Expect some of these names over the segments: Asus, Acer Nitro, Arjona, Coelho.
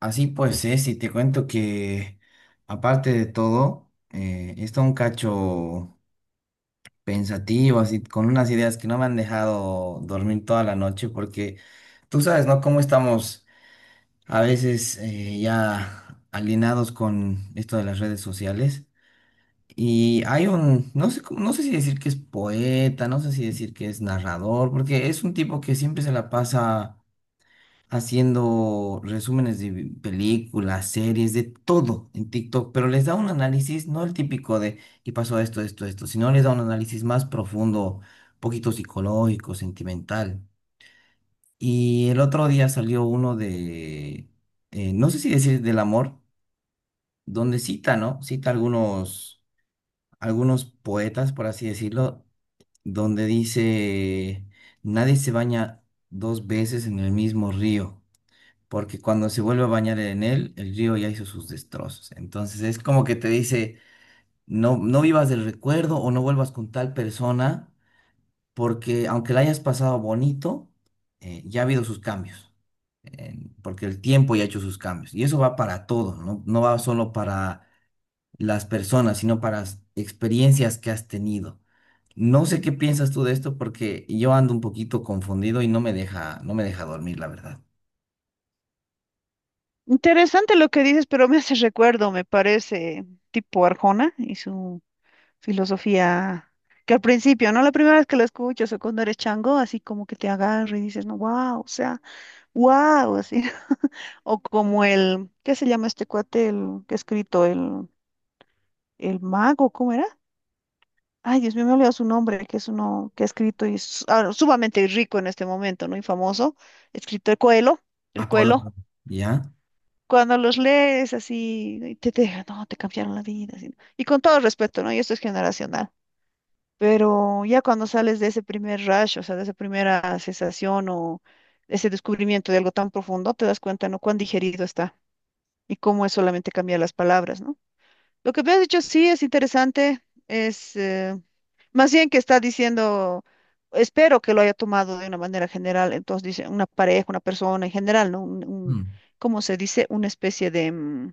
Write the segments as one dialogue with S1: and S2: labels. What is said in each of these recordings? S1: Así pues es, y te cuento que aparte de todo, he estado un cacho pensativo, así con unas ideas que no me han dejado dormir toda la noche, porque tú sabes, ¿no? Cómo estamos a veces ya alienados con esto de las redes sociales. Y hay un, no sé, no sé si decir que es poeta, no sé si decir que es narrador, porque es un tipo que siempre se la pasa haciendo resúmenes de películas, series, de todo en TikTok, pero les da un análisis, no el típico de, y pasó esto, esto, esto, sino les da un análisis más profundo, poquito psicológico, sentimental. Y el otro día salió uno de, no sé si decir del amor, donde cita, ¿no? Cita algunos, algunos poetas, por así decirlo, donde dice, nadie se baña dos veces en el mismo río porque cuando se vuelve a bañar en él, el río ya hizo sus destrozos. Entonces es como que te dice, no, no vivas del recuerdo o no vuelvas con tal persona, porque aunque la hayas pasado bonito, ya ha habido sus cambios, porque el tiempo ya ha hecho sus cambios. Y eso va para todo, ¿no? No va solo para las personas, sino para las experiencias que has tenido. No sé qué piensas tú de esto porque yo ando un poquito confundido y no me deja dormir, la verdad.
S2: Interesante lo que dices, pero me hace recuerdo, me parece, tipo Arjona y su filosofía, que al principio, ¿no? La primera vez que lo escuchas o cuando eres chango, así como que te agarra y dices, no, wow, o sea, wow, así. O como el, ¿qué se llama este cuate, el que ha escrito, el mago, ¿cómo era? Ay, Dios mío, me he olvidado su nombre, que es uno que ha escrito y es sumamente rico en este momento, ¿no? Y famoso, escrito el Coelho, el
S1: Va, Pablo.
S2: Coelho.
S1: ¿Ya?
S2: Cuando los lees así, y te dejan, no, te cambiaron la vida, así, ¿no? Y con todo respeto, ¿no? Y esto es generacional. Pero ya cuando sales de ese primer rush, o sea, de esa primera sensación o ese descubrimiento de algo tan profundo, te das cuenta, ¿no? Cuán digerido está y cómo es solamente cambiar las palabras, ¿no? Lo que me has dicho sí es interesante, es más bien que está diciendo, espero que lo haya tomado de una manera general, entonces dice una pareja, una persona en general, ¿no?
S1: Mm.
S2: ¿Cómo se dice? Una especie de...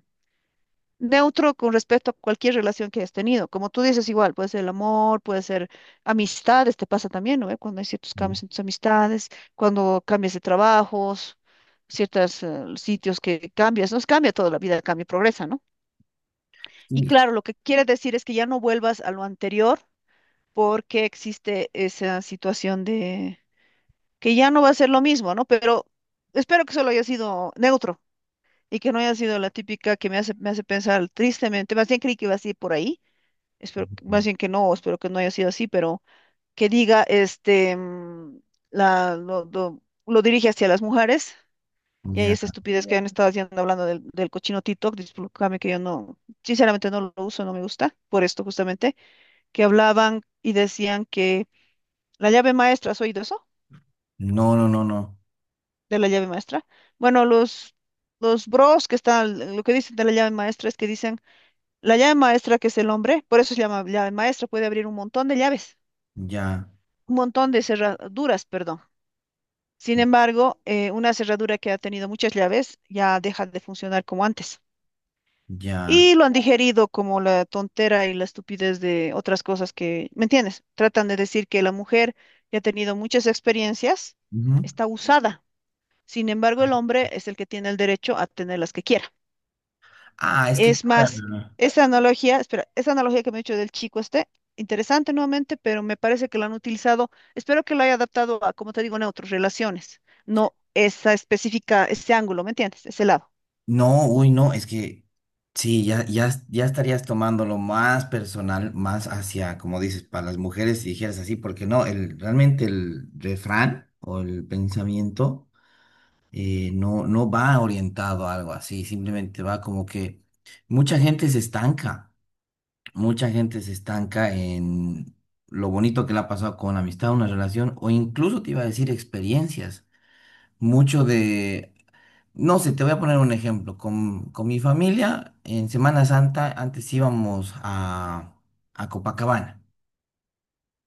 S2: neutro con respecto a cualquier relación que hayas tenido. Como tú dices, igual, puede ser el amor, puede ser amistades, te pasa también, ¿no? ¿Eh? Cuando hay ciertos cambios en tus amistades, cuando cambias de trabajos, ciertos sitios que cambias, nos cambia toda la vida, cambia, y progresa, ¿no? Y
S1: Y-
S2: claro, lo que quiere decir es que ya no vuelvas a lo anterior porque existe esa situación de que ya no va a ser lo mismo, ¿no? Pero espero que solo haya sido neutro. Y que no haya sido la típica que me hace pensar tristemente, más bien creí que iba a ir por ahí, espero, más bien que no, espero que no haya sido así, pero que diga, este, la, lo, lo- lo dirige hacia las mujeres y ahí
S1: Ya.
S2: esa estupidez que han estado haciendo hablando del cochino TikTok, discúlpame que yo no, sinceramente no lo uso, no me gusta, por esto justamente, que hablaban y decían que la llave maestra, ¿has oído eso?
S1: No, no, no, no.
S2: De la llave maestra. Bueno, los bros que están, lo que dicen de la llave maestra es que dicen, la llave maestra que es el hombre, por eso se llama llave maestra, puede abrir un montón de llaves.
S1: Ya,
S2: Un montón de cerraduras, perdón. Sin embargo, una cerradura que ha tenido muchas llaves ya deja de funcionar como antes.
S1: ya.
S2: Y lo han digerido como la tontera y la estupidez de otras cosas que, ¿me entiendes? Tratan de decir que la mujer ya ha tenido muchas experiencias,
S1: Ujú.
S2: está usada. Sin embargo, el hombre es el que tiene el derecho a tener las que quiera.
S1: Ah, es que...
S2: Es Vale. Más, Vale.
S1: ah,
S2: Esa analogía, espera, esa analogía que me he hecho del chico este, interesante nuevamente, pero me parece que lo han utilizado, espero que lo haya adaptado a, como te digo, neutros, relaciones, no esa específica, ese ángulo, ¿me entiendes? Ese lado.
S1: no, uy, no, es que... Sí, ya, ya, ya estarías tomándolo más personal, más hacia, como dices, para las mujeres, si dijeras así, porque no, el, realmente el refrán o el pensamiento no, no va orientado a algo así, simplemente va como que mucha gente se estanca. Mucha gente se estanca en lo bonito que le ha pasado con amistad, una relación, o incluso te iba a decir experiencias. Mucho de, no sé, te voy a poner un ejemplo. Con mi familia, en Semana Santa, antes íbamos a Copacabana.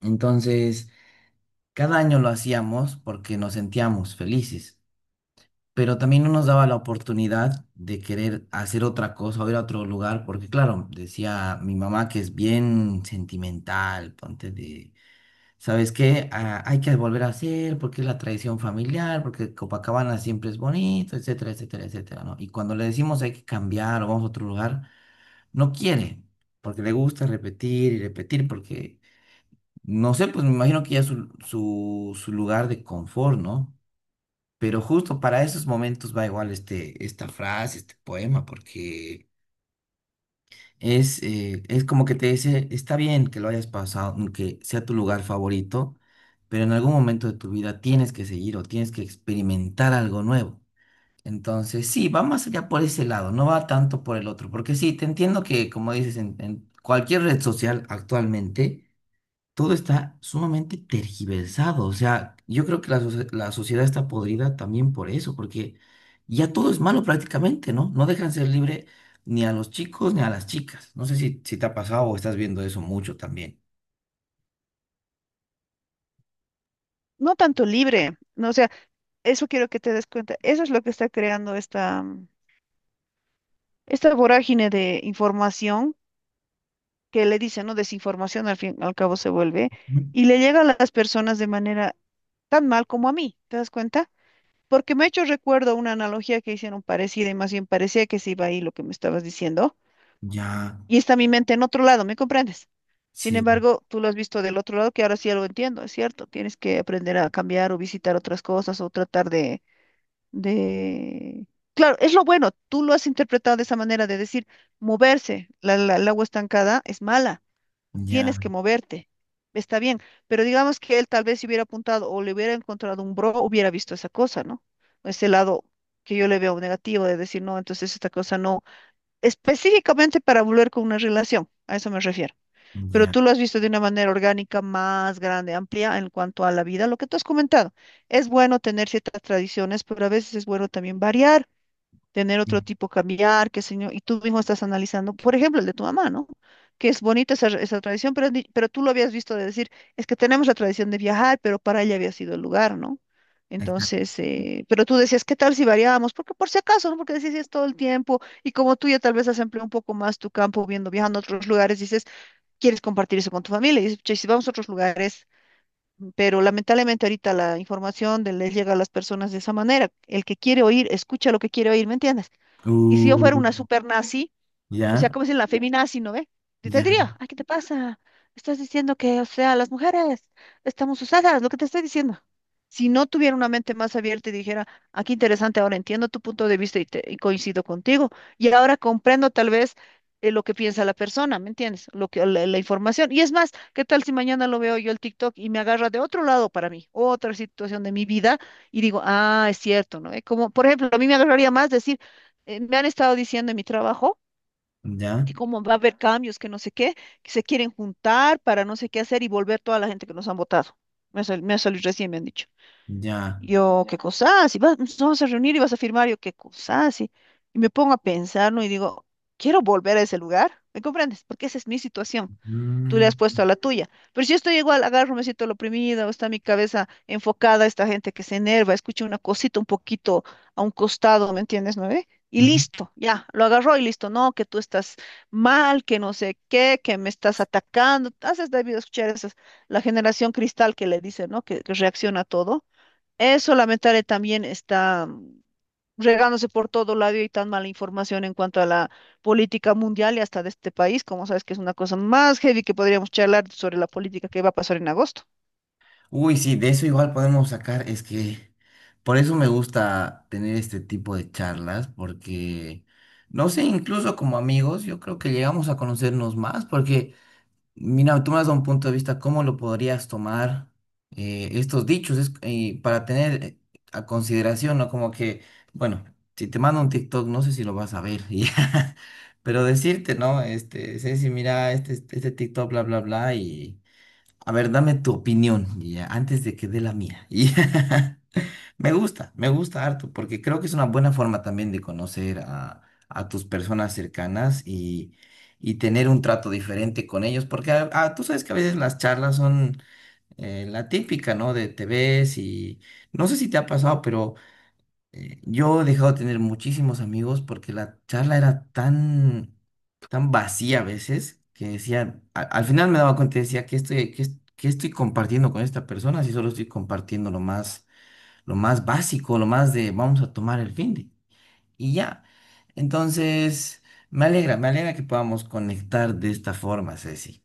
S1: Entonces, cada año lo hacíamos porque nos sentíamos felices pero también no nos daba la oportunidad de querer hacer otra cosa o ir a otro lugar, porque claro, decía mi mamá que es bien sentimental, ponte de, ¿sabes qué? Ah, hay que volver a hacer porque es la tradición familiar, porque Copacabana siempre es bonito, etcétera, etcétera, etcétera, ¿no? Y cuando le decimos hay que cambiar o vamos a otro lugar, no quiere, porque le gusta repetir y repetir, porque, no sé, pues me imagino que ya es su lugar de confort, ¿no? Pero justo para esos momentos va igual este, esta frase, este poema, porque es como que te dice, está bien que lo hayas pasado, mm, que sea tu lugar favorito, pero en algún momento de tu vida tienes que seguir o tienes que experimentar algo nuevo. Entonces, sí, va más allá por ese lado, no va tanto por el otro, porque sí, te entiendo que, como dices, en cualquier red social actualmente, todo está sumamente tergiversado. O sea, yo creo que la, la sociedad está podrida también por eso, porque ya todo es malo prácticamente, ¿no? No dejan ser libre ni a los chicos ni a las chicas. No sé si te ha pasado o estás viendo eso mucho también.
S2: No tanto libre, no, o sea, eso quiero que te des cuenta, eso es lo que está creando esta, esta vorágine de información que le dicen, ¿no? Desinformación al fin, al cabo se vuelve,
S1: Ujú.
S2: y le llega a las personas de manera tan mal como a mí, ¿te das cuenta? Porque me ha hecho recuerdo una analogía que hicieron parecida y más bien parecía que se iba ahí lo que me estabas diciendo.
S1: Ya,
S2: Y está mi mente en otro lado, ¿me comprendes? Sin
S1: sí,
S2: embargo, tú lo has visto del otro lado, que ahora sí ya lo entiendo, es cierto. Tienes que aprender a cambiar o visitar otras cosas o tratar de... Claro, es lo bueno. Tú lo has interpretado de esa manera de decir, moverse, el agua estancada es mala,
S1: ya,
S2: tienes que moverte. Está bien, pero digamos que él tal vez si hubiera apuntado o le hubiera encontrado un bro, hubiera visto esa cosa, ¿no? Ese lado que yo le veo negativo de decir, no, entonces esta cosa no, específicamente para volver con una relación, a eso me refiero. Pero
S1: ya.
S2: tú lo has visto de una manera orgánica más grande, amplia en cuanto a la vida, lo que tú has comentado. Es bueno tener ciertas tradiciones, pero a veces es bueno también variar, tener otro
S1: Mm.
S2: tipo, cambiar, qué señor, y tú mismo estás analizando, por ejemplo, el de tu mamá, ¿no? Que es bonita esa, esa tradición, pero, pero tú lo habías visto de decir, es que tenemos la tradición de viajar, pero para ella había sido el lugar, ¿no? Entonces, pero tú decías, ¿qué tal si variábamos? Porque por si acaso, ¿no? Porque decías "Sí, es todo el tiempo", y como tú ya tal vez has empleado un poco más tu campo viendo, viajando a otros lugares, dices, quieres compartir eso con tu familia, y dices, "Che, si vamos a otros lugares", pero lamentablemente ahorita la información les llega a las personas de esa manera. El que quiere oír, escucha lo que quiere oír, ¿me entiendes? Y si yo fuera una
S1: Uh,
S2: super nazi, o sea,
S1: ya,
S2: como si la feminazi, ¿no ve? Y te
S1: ya,
S2: diría, ay, ¿qué te pasa? Estás diciendo que, o sea, las mujeres estamos usadas, lo que te estoy diciendo. Si no tuviera una mente más abierta y dijera, aquí interesante, ahora entiendo tu punto de vista y coincido contigo. Y ahora comprendo tal vez lo que piensa la persona, ¿me entiendes? Lo que, la información. Y es más, ¿qué tal si mañana lo veo yo el TikTok y me agarra de otro lado para mí, otra situación de mi vida y digo, ah, es cierto, ¿no? Como, por ejemplo, a mí me agarraría más decir, me han estado diciendo en mi trabajo
S1: ya,
S2: que como va a haber cambios, que no sé qué, que se quieren juntar para no sé qué hacer y volver toda la gente que nos han votado. Me ha salido recién, me han dicho.
S1: ya.
S2: Yo, qué cosa, si vas, nos vamos a reunir y vas a firmar, yo, qué cosa, si. Y me pongo a pensar, ¿no? Y digo, quiero volver a ese lugar, ¿me comprendes? Porque esa es mi situación, tú le
S1: Mm.
S2: has puesto a la tuya. Pero si yo estoy igual, agarro, me siento oprimida, o está mi cabeza enfocada, esta gente que se enerva, escucha una cosita un poquito a un costado, ¿me entiendes, no ve? Y listo, ya, lo agarró y listo. No, que tú estás mal, que no sé qué, que me estás atacando. Haces debido escuchar esas, la generación cristal que le dice, ¿no? Que reacciona a todo. Eso lamentable también está regándose por todo lado y hay tan mala información en cuanto a la política mundial y hasta de este país, como sabes que es una cosa más heavy que podríamos charlar sobre la política que va a pasar en agosto.
S1: Uy, sí, de eso igual podemos sacar, es que por eso me gusta tener este tipo de charlas, porque, no sé, incluso como amigos, yo creo que llegamos a conocernos más, porque, mira, tú me has dado un punto de vista, ¿cómo lo podrías tomar estos dichos? Es, para tener a consideración, ¿no? Como que, bueno, si te mando un TikTok, no sé si lo vas a ver, y ya, pero decirte, ¿no? Este, Ceci, mira, este TikTok, bla, bla, bla, y... A ver, dame tu opinión y ya, antes de que dé la mía. Y me gusta, me gusta harto, porque creo que es una buena forma también de conocer a tus personas cercanas y tener un trato diferente con ellos, porque tú sabes que a veces las charlas son la típica, ¿no? De te ves y no sé si te ha pasado, yo he dejado de tener muchísimos amigos porque la charla era tan, tan vacía a veces que decía al final me daba cuenta y decía, ¿qué estoy, qué, qué estoy compartiendo con esta persona si solo estoy compartiendo lo más básico, lo más de vamos a tomar el fin de y ya. Entonces, me alegra que podamos conectar de esta forma, Ceci.